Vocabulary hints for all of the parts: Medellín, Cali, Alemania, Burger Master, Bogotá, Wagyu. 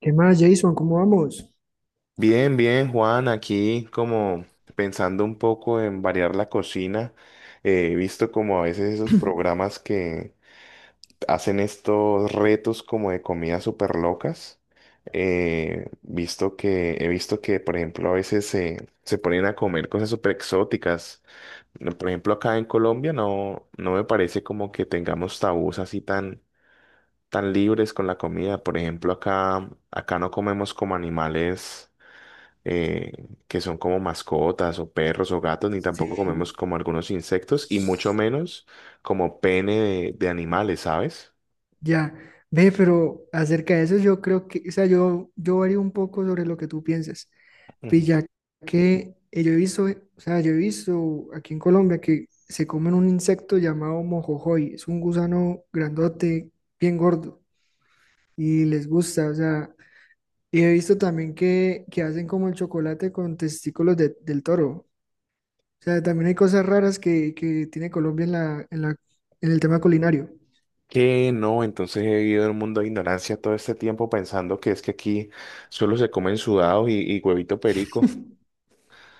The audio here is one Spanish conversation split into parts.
¿Qué más, Jason? ¿Cómo vamos? Bien, bien, Juan, aquí como pensando un poco en variar la cocina, he visto como a veces esos programas que hacen estos retos como de comidas súper locas. He visto que, por ejemplo, a veces se ponen a comer cosas súper exóticas. Por ejemplo, acá en Colombia no me parece como que tengamos tabús así tan libres con la comida. Por ejemplo, acá no comemos como animales eh, que son como mascotas o perros o gatos, ni tampoco Sí, comemos como algunos insectos y mucho menos como pene de animales, ¿sabes? ya. Ve, pero acerca de eso yo creo que, o sea, yo varío un poco sobre lo que tú piensas. Pues Ujú. ya que yo he visto, o sea, yo he visto aquí en Colombia que se comen un insecto llamado mojojoy. Es un gusano grandote, bien gordo, y les gusta, o sea, y he visto también que hacen como el chocolate con testículos del toro. O sea, también hay cosas raras que tiene Colombia en en el tema culinario. Que no, entonces he vivido en un mundo de ignorancia todo este tiempo pensando que es que aquí solo se comen sudados y huevito perico.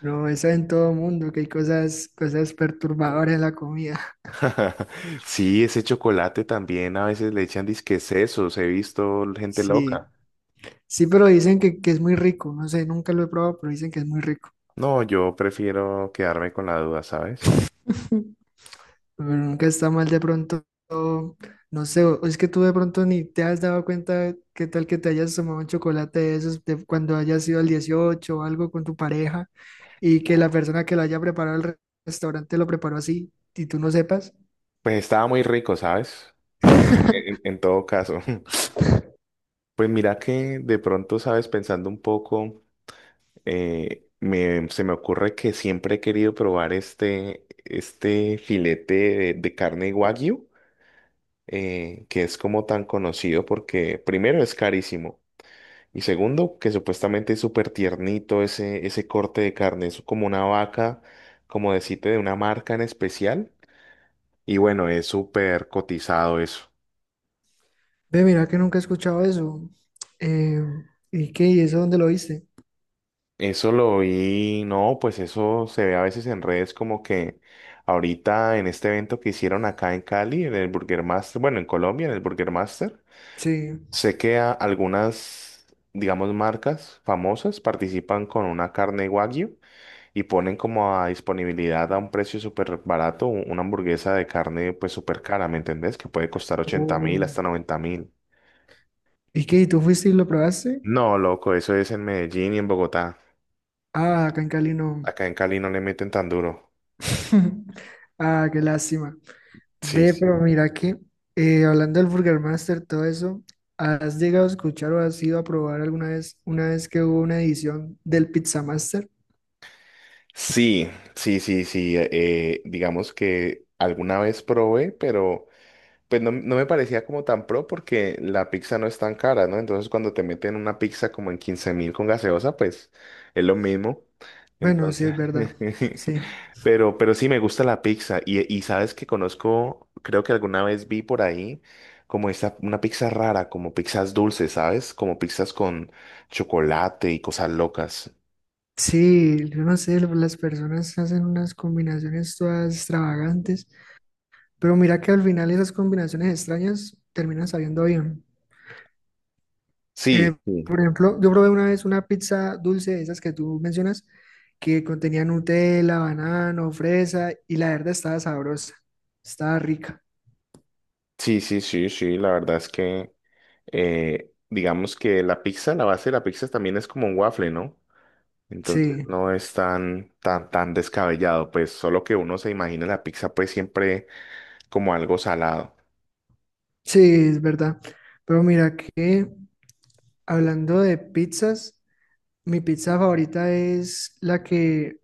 No, eso en todo mundo, que hay cosas perturbadoras en la comida. Sí, ese chocolate también a veces le echan disque sesos, he visto gente Sí, loca. sí, pero dicen que es muy rico. No sé, nunca lo he probado, pero dicen que es muy rico. No, yo prefiero quedarme con la duda, ¿sabes? Pero nunca está mal de pronto. No sé, o es que tú de pronto ni te has dado cuenta qué tal que te hayas tomado un chocolate de esos de cuando hayas ido al 18 o algo con tu pareja y que la persona que lo haya preparado al restaurante lo preparó así y tú no sepas. Pues estaba muy rico, ¿sabes? En todo caso. Pues mira que de pronto, sabes, pensando un poco, se me ocurre que siempre he querido probar este filete de carne Wagyu, que es como tan conocido porque primero es carísimo y segundo que supuestamente es súper tiernito ese corte de carne, es como una vaca, como decirte, de una marca en especial y bueno, es súper cotizado eso. Ve, mira que nunca he escuchado eso. Eh, ¿Y qué? ¿Y eso dónde lo viste? Eso lo vi, no, pues eso se ve a veces en redes como que ahorita en este evento que hicieron acá en Cali, en el Burger Master, bueno, en Colombia, en el Burger Master, Sí. sé que algunas, digamos, marcas famosas participan con una carne Wagyu y ponen como a disponibilidad a un precio súper barato una hamburguesa de carne pues súper cara, ¿me entendés? Que puede costar 80.000 Oh. hasta 90.000. ¿Y qué? ¿Y tú fuiste y lo probaste? No, loco, eso es en Medellín y en Bogotá. Ah, acá en Cali no. Acá en Cali no le meten tan duro. Ah, qué lástima. Sí. Ve, Sí. pero mira que hablando del Burger Master, todo eso, ¿has llegado a escuchar o has ido a probar alguna vez, una vez que hubo una edición del Pizza Master? Sí, sí, sí, sí. Digamos que alguna vez probé, pero pues no me parecía como tan pro porque la pizza no es tan cara, ¿no? Entonces cuando te meten una pizza como en 15.000 con gaseosa, pues es lo mismo. Bueno, sí, Entonces, es verdad. Sí. pero sí me gusta la pizza. Y sabes que conozco, creo que alguna vez vi por ahí como esta, una pizza rara, como pizzas dulces, ¿sabes? Como pizzas con chocolate y cosas locas. Sí, yo no sé, las personas hacen unas combinaciones todas extravagantes. Pero mira que al final esas combinaciones extrañas terminan sabiendo bien. Sí. Eh, Sí. por ejemplo, yo probé una vez una pizza dulce, de esas que tú mencionas, que contenía Nutella, banano, fresa, y la verdad estaba sabrosa, estaba rica. Sí, sí, sí, sí, la verdad es que digamos que la pizza, la base de la pizza también es como un waffle, ¿no? Entonces Sí, no es tan descabellado, pues solo que uno se imagina la pizza pues siempre como algo salado. sí, es verdad. Pero mira que hablando de pizzas, mi pizza favorita es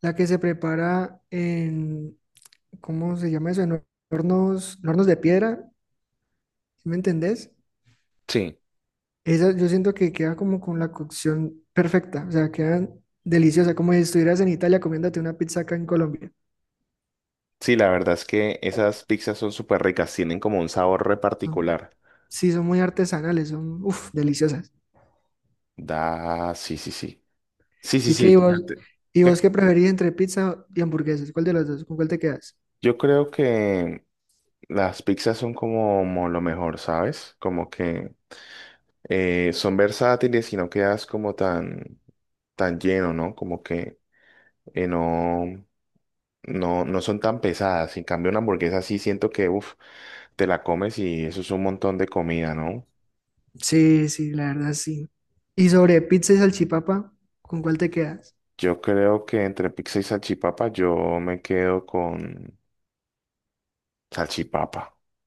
la que se prepara en, ¿cómo se llama eso? En en hornos de piedra, ¿sí ¿me entendés? Sí, Esa, yo siento que queda como con la cocción perfecta, o sea, quedan deliciosas, como si estuvieras en Italia comiéndote una pizza acá en Colombia. sí, la verdad es que esas pizzas son súper ricas, tienen como un sabor re Son, particular. sí, son muy artesanales, son, uff, deliciosas. Da, sí, sí, sí. Sí, sí, ¿Y qué, sí, fíjate. y vos ¿Qué? qué preferís entre pizza y hamburguesas? ¿Cuál de las dos? ¿Con cuál te quedas? Yo creo que las pizzas son como lo mejor, ¿sabes? Como que, son versátiles y no quedas como tan lleno, ¿no? Como que no, no, no son tan pesadas. En cambio, una hamburguesa sí siento que, uff, te la comes y eso es un montón de comida, ¿no? Sí, sí, la verdad sí. Y sobre pizza y salchipapa, ¿con cuál te quedas? Yo creo que entre pizza y salchipapa yo me quedo con salchipapa.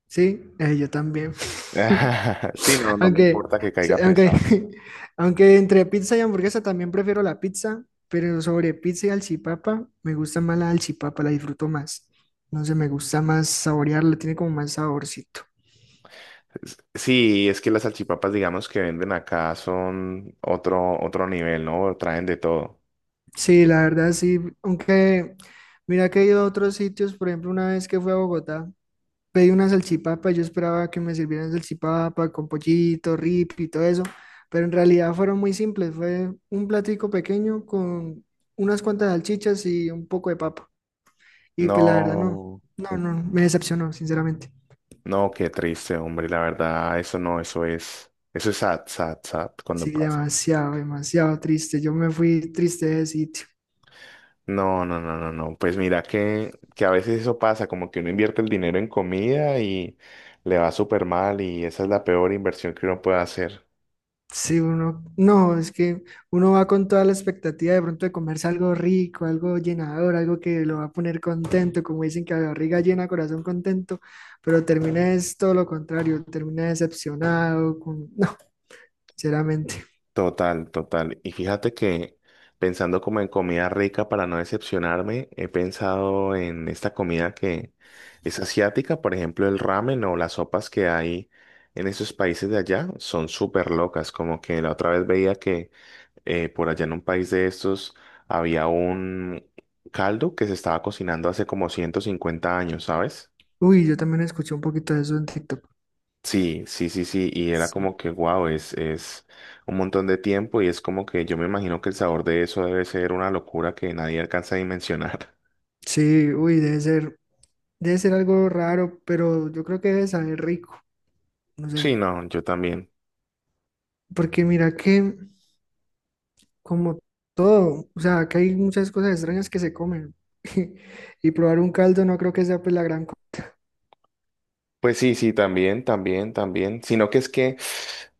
Sí, yo también. Sí, no, no me Aunque, importa que caiga se- aunque, pesado. aunque entre pizza y hamburguesa también prefiero la pizza, pero sobre pizza y alchipapa me gusta más la alchipapa, la disfruto más. No sé, me gusta más saborearla, tiene como más saborcito. Sí, es que las salchipapas, digamos, que venden acá son otro nivel, ¿no? Traen de todo. Sí, la verdad sí, aunque mira que he ido a otros sitios, por ejemplo, una vez que fui a Bogotá, pedí una salchipapa y yo esperaba que me sirvieran salchipapa con pollito, rip y todo eso, pero en realidad fueron muy simples, fue un platico pequeño con unas cuantas salchichas y un poco de papa. Y pues la verdad No. No, me decepcionó, sinceramente. No, qué triste, hombre, la verdad, eso no, eso es sad, sad, sad cuando Sí, pasa. demasiado, demasiado triste. Yo me fui triste de sitio. No, no, no, no, no, pues mira que, a veces eso pasa, como que uno invierte el dinero en comida y le va súper mal y esa es la peor inversión que uno puede hacer. Sí, no, es que uno va con toda la expectativa de pronto de comerse algo rico, algo llenador, algo que lo va a poner contento, como dicen que la barriga llena, corazón contento, pero termina es todo lo contrario, termina decepcionado, con... no, sinceramente. Total, total. Y fíjate que pensando como en comida rica para no decepcionarme, he pensado en esta comida que es asiática, por ejemplo, el ramen o las sopas que hay en esos países de allá son súper locas. Como que la otra vez veía que por allá en un país de estos había un caldo que se estaba cocinando hace como 150 años, ¿sabes? Uy, yo también escuché un poquito de eso en TikTok. Sí, sí, sí, sí, y era Sí, como que, wow, es un montón de tiempo y es como que yo me imagino que el sabor de eso debe ser una locura que nadie alcanza a dimensionar. sí, uy, debe ser. Debe ser algo raro, pero yo creo que debe saber rico, no Sí, sé. no, yo también. Porque mira que, como todo, o sea, que hay muchas cosas extrañas que se comen. Y probar un caldo no creo que sea pues la gran cosa. Pues sí, sí, también, también, también, sino que es que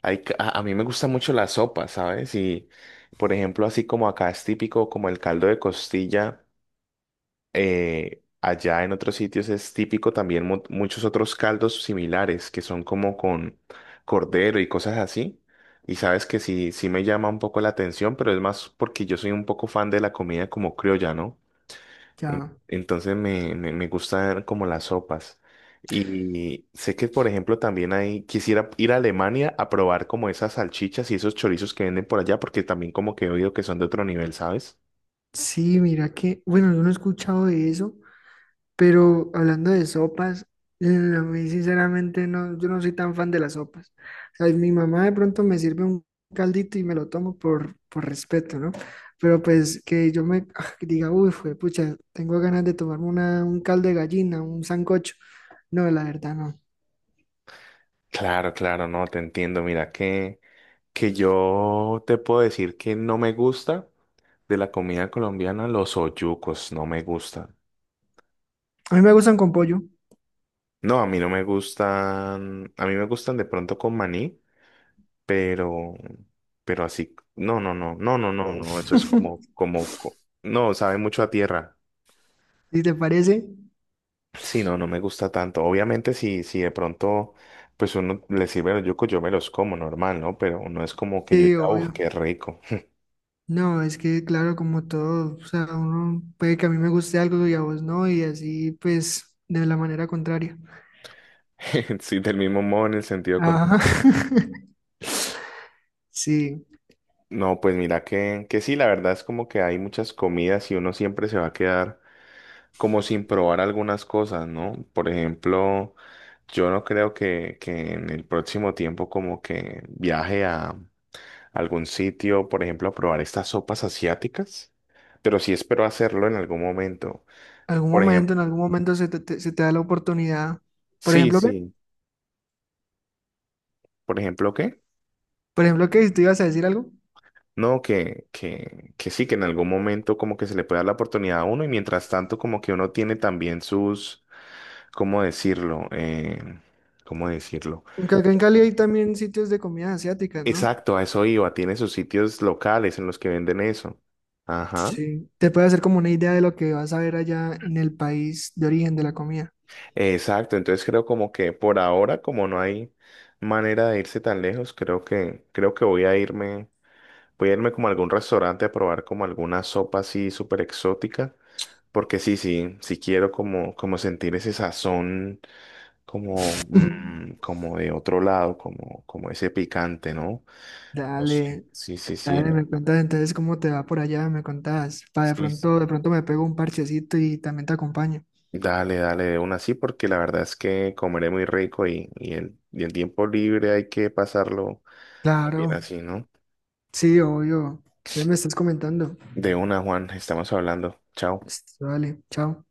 hay, a mí me gusta mucho la sopa, ¿sabes? Y, por ejemplo, así como acá es típico como el caldo de costilla. Allá en otros sitios es típico también muchos otros caldos similares que son como con cordero y cosas así. Y sabes que sí, sí me llama un poco la atención, pero es más porque yo soy un poco fan de la comida como criolla, ¿no? Ya, Entonces me gustan como las sopas. Y sé que, por ejemplo, también hay, quisiera ir a Alemania a probar como esas salchichas y esos chorizos que venden por allá, porque también como que he oído que son de otro nivel, ¿sabes? sí, mira que, bueno, yo no he escuchado de eso. Pero hablando de sopas, a mí sinceramente no, yo no soy tan fan de las sopas. O sea, mi mamá de pronto me sirve un caldito y me lo tomo por respeto, ¿no? Pero pues que yo me ah, que diga, uy, fue, pucha, tengo ganas de tomarme un caldo de gallina, un sancocho. No, la verdad no. Claro, claro, no, te entiendo. Mira que yo te puedo decir que no me gusta de la comida colombiana, los oyucos no me gustan. A mí me gustan con pollo, No, a mí no me gustan, a mí me gustan de pronto con maní, pero, pero así, no, no, no, no, no, no, no, eso es como, como, co- no, sabe mucho a tierra. si te parece. Sí, no, no me gusta tanto. Obviamente, si de pronto, pues uno le sirve los yucos, yo me los como normal, ¿no? Pero no es como que yo Sí, diga, uff, obvio. qué rico. No, es que claro, como todo, o sea, uno puede que a mí me guste algo y a vos no, y así pues de la manera contraria. Sí, del mismo modo en el sentido Ajá. contrario. Sí, No, pues mira que, sí, la verdad es como que hay muchas comidas y uno siempre se va a quedar como sin probar algunas cosas, ¿no? Por ejemplo, yo no creo que, en el próximo tiempo como que viaje a algún sitio, por ejemplo, a probar estas sopas asiáticas, pero sí espero hacerlo en algún momento. algún Por ejemplo, momento, en algún momento se te da la oportunidad. Por sí, ejemplo, ¿qué? sí. Por ejemplo, ¿qué? Por ejemplo, ¿qué? ¿Te ibas a decir algo? No, que sí, que en algún momento como que se le puede dar la oportunidad a uno y mientras tanto como que uno tiene también sus ¿Cómo decirlo? ¿Cómo decirlo? Porque acá en Cali hay también sitios de comidas asiáticas, ¿no? Exacto, a eso iba. Tiene sus sitios locales en los que venden eso. Ajá. Sí, te puede hacer como una idea de lo que vas a ver allá en el país de origen de la comida. Exacto. Entonces creo como que por ahora, como no hay manera de irse tan lejos, creo que voy a irme, como a algún restaurante a probar como alguna sopa así súper exótica. Porque sí, sí, sí quiero como sentir ese sazón como, mm, como de otro lado, como ese picante, ¿no? No sé. Dale, Sí, sí, sí, dale, me cuentas entonces cómo te va por allá, me contás. Para sí, sí. De pronto me pego un parchecito y también te acompaño. Dale, dale, de una sí, porque la verdad es que comeré muy rico y el tiempo libre hay que pasarlo bien Claro, así, ¿no? sí, obvio. Entonces me estás comentando. De una, Juan, estamos hablando. Chao. Listo, Dale, chao.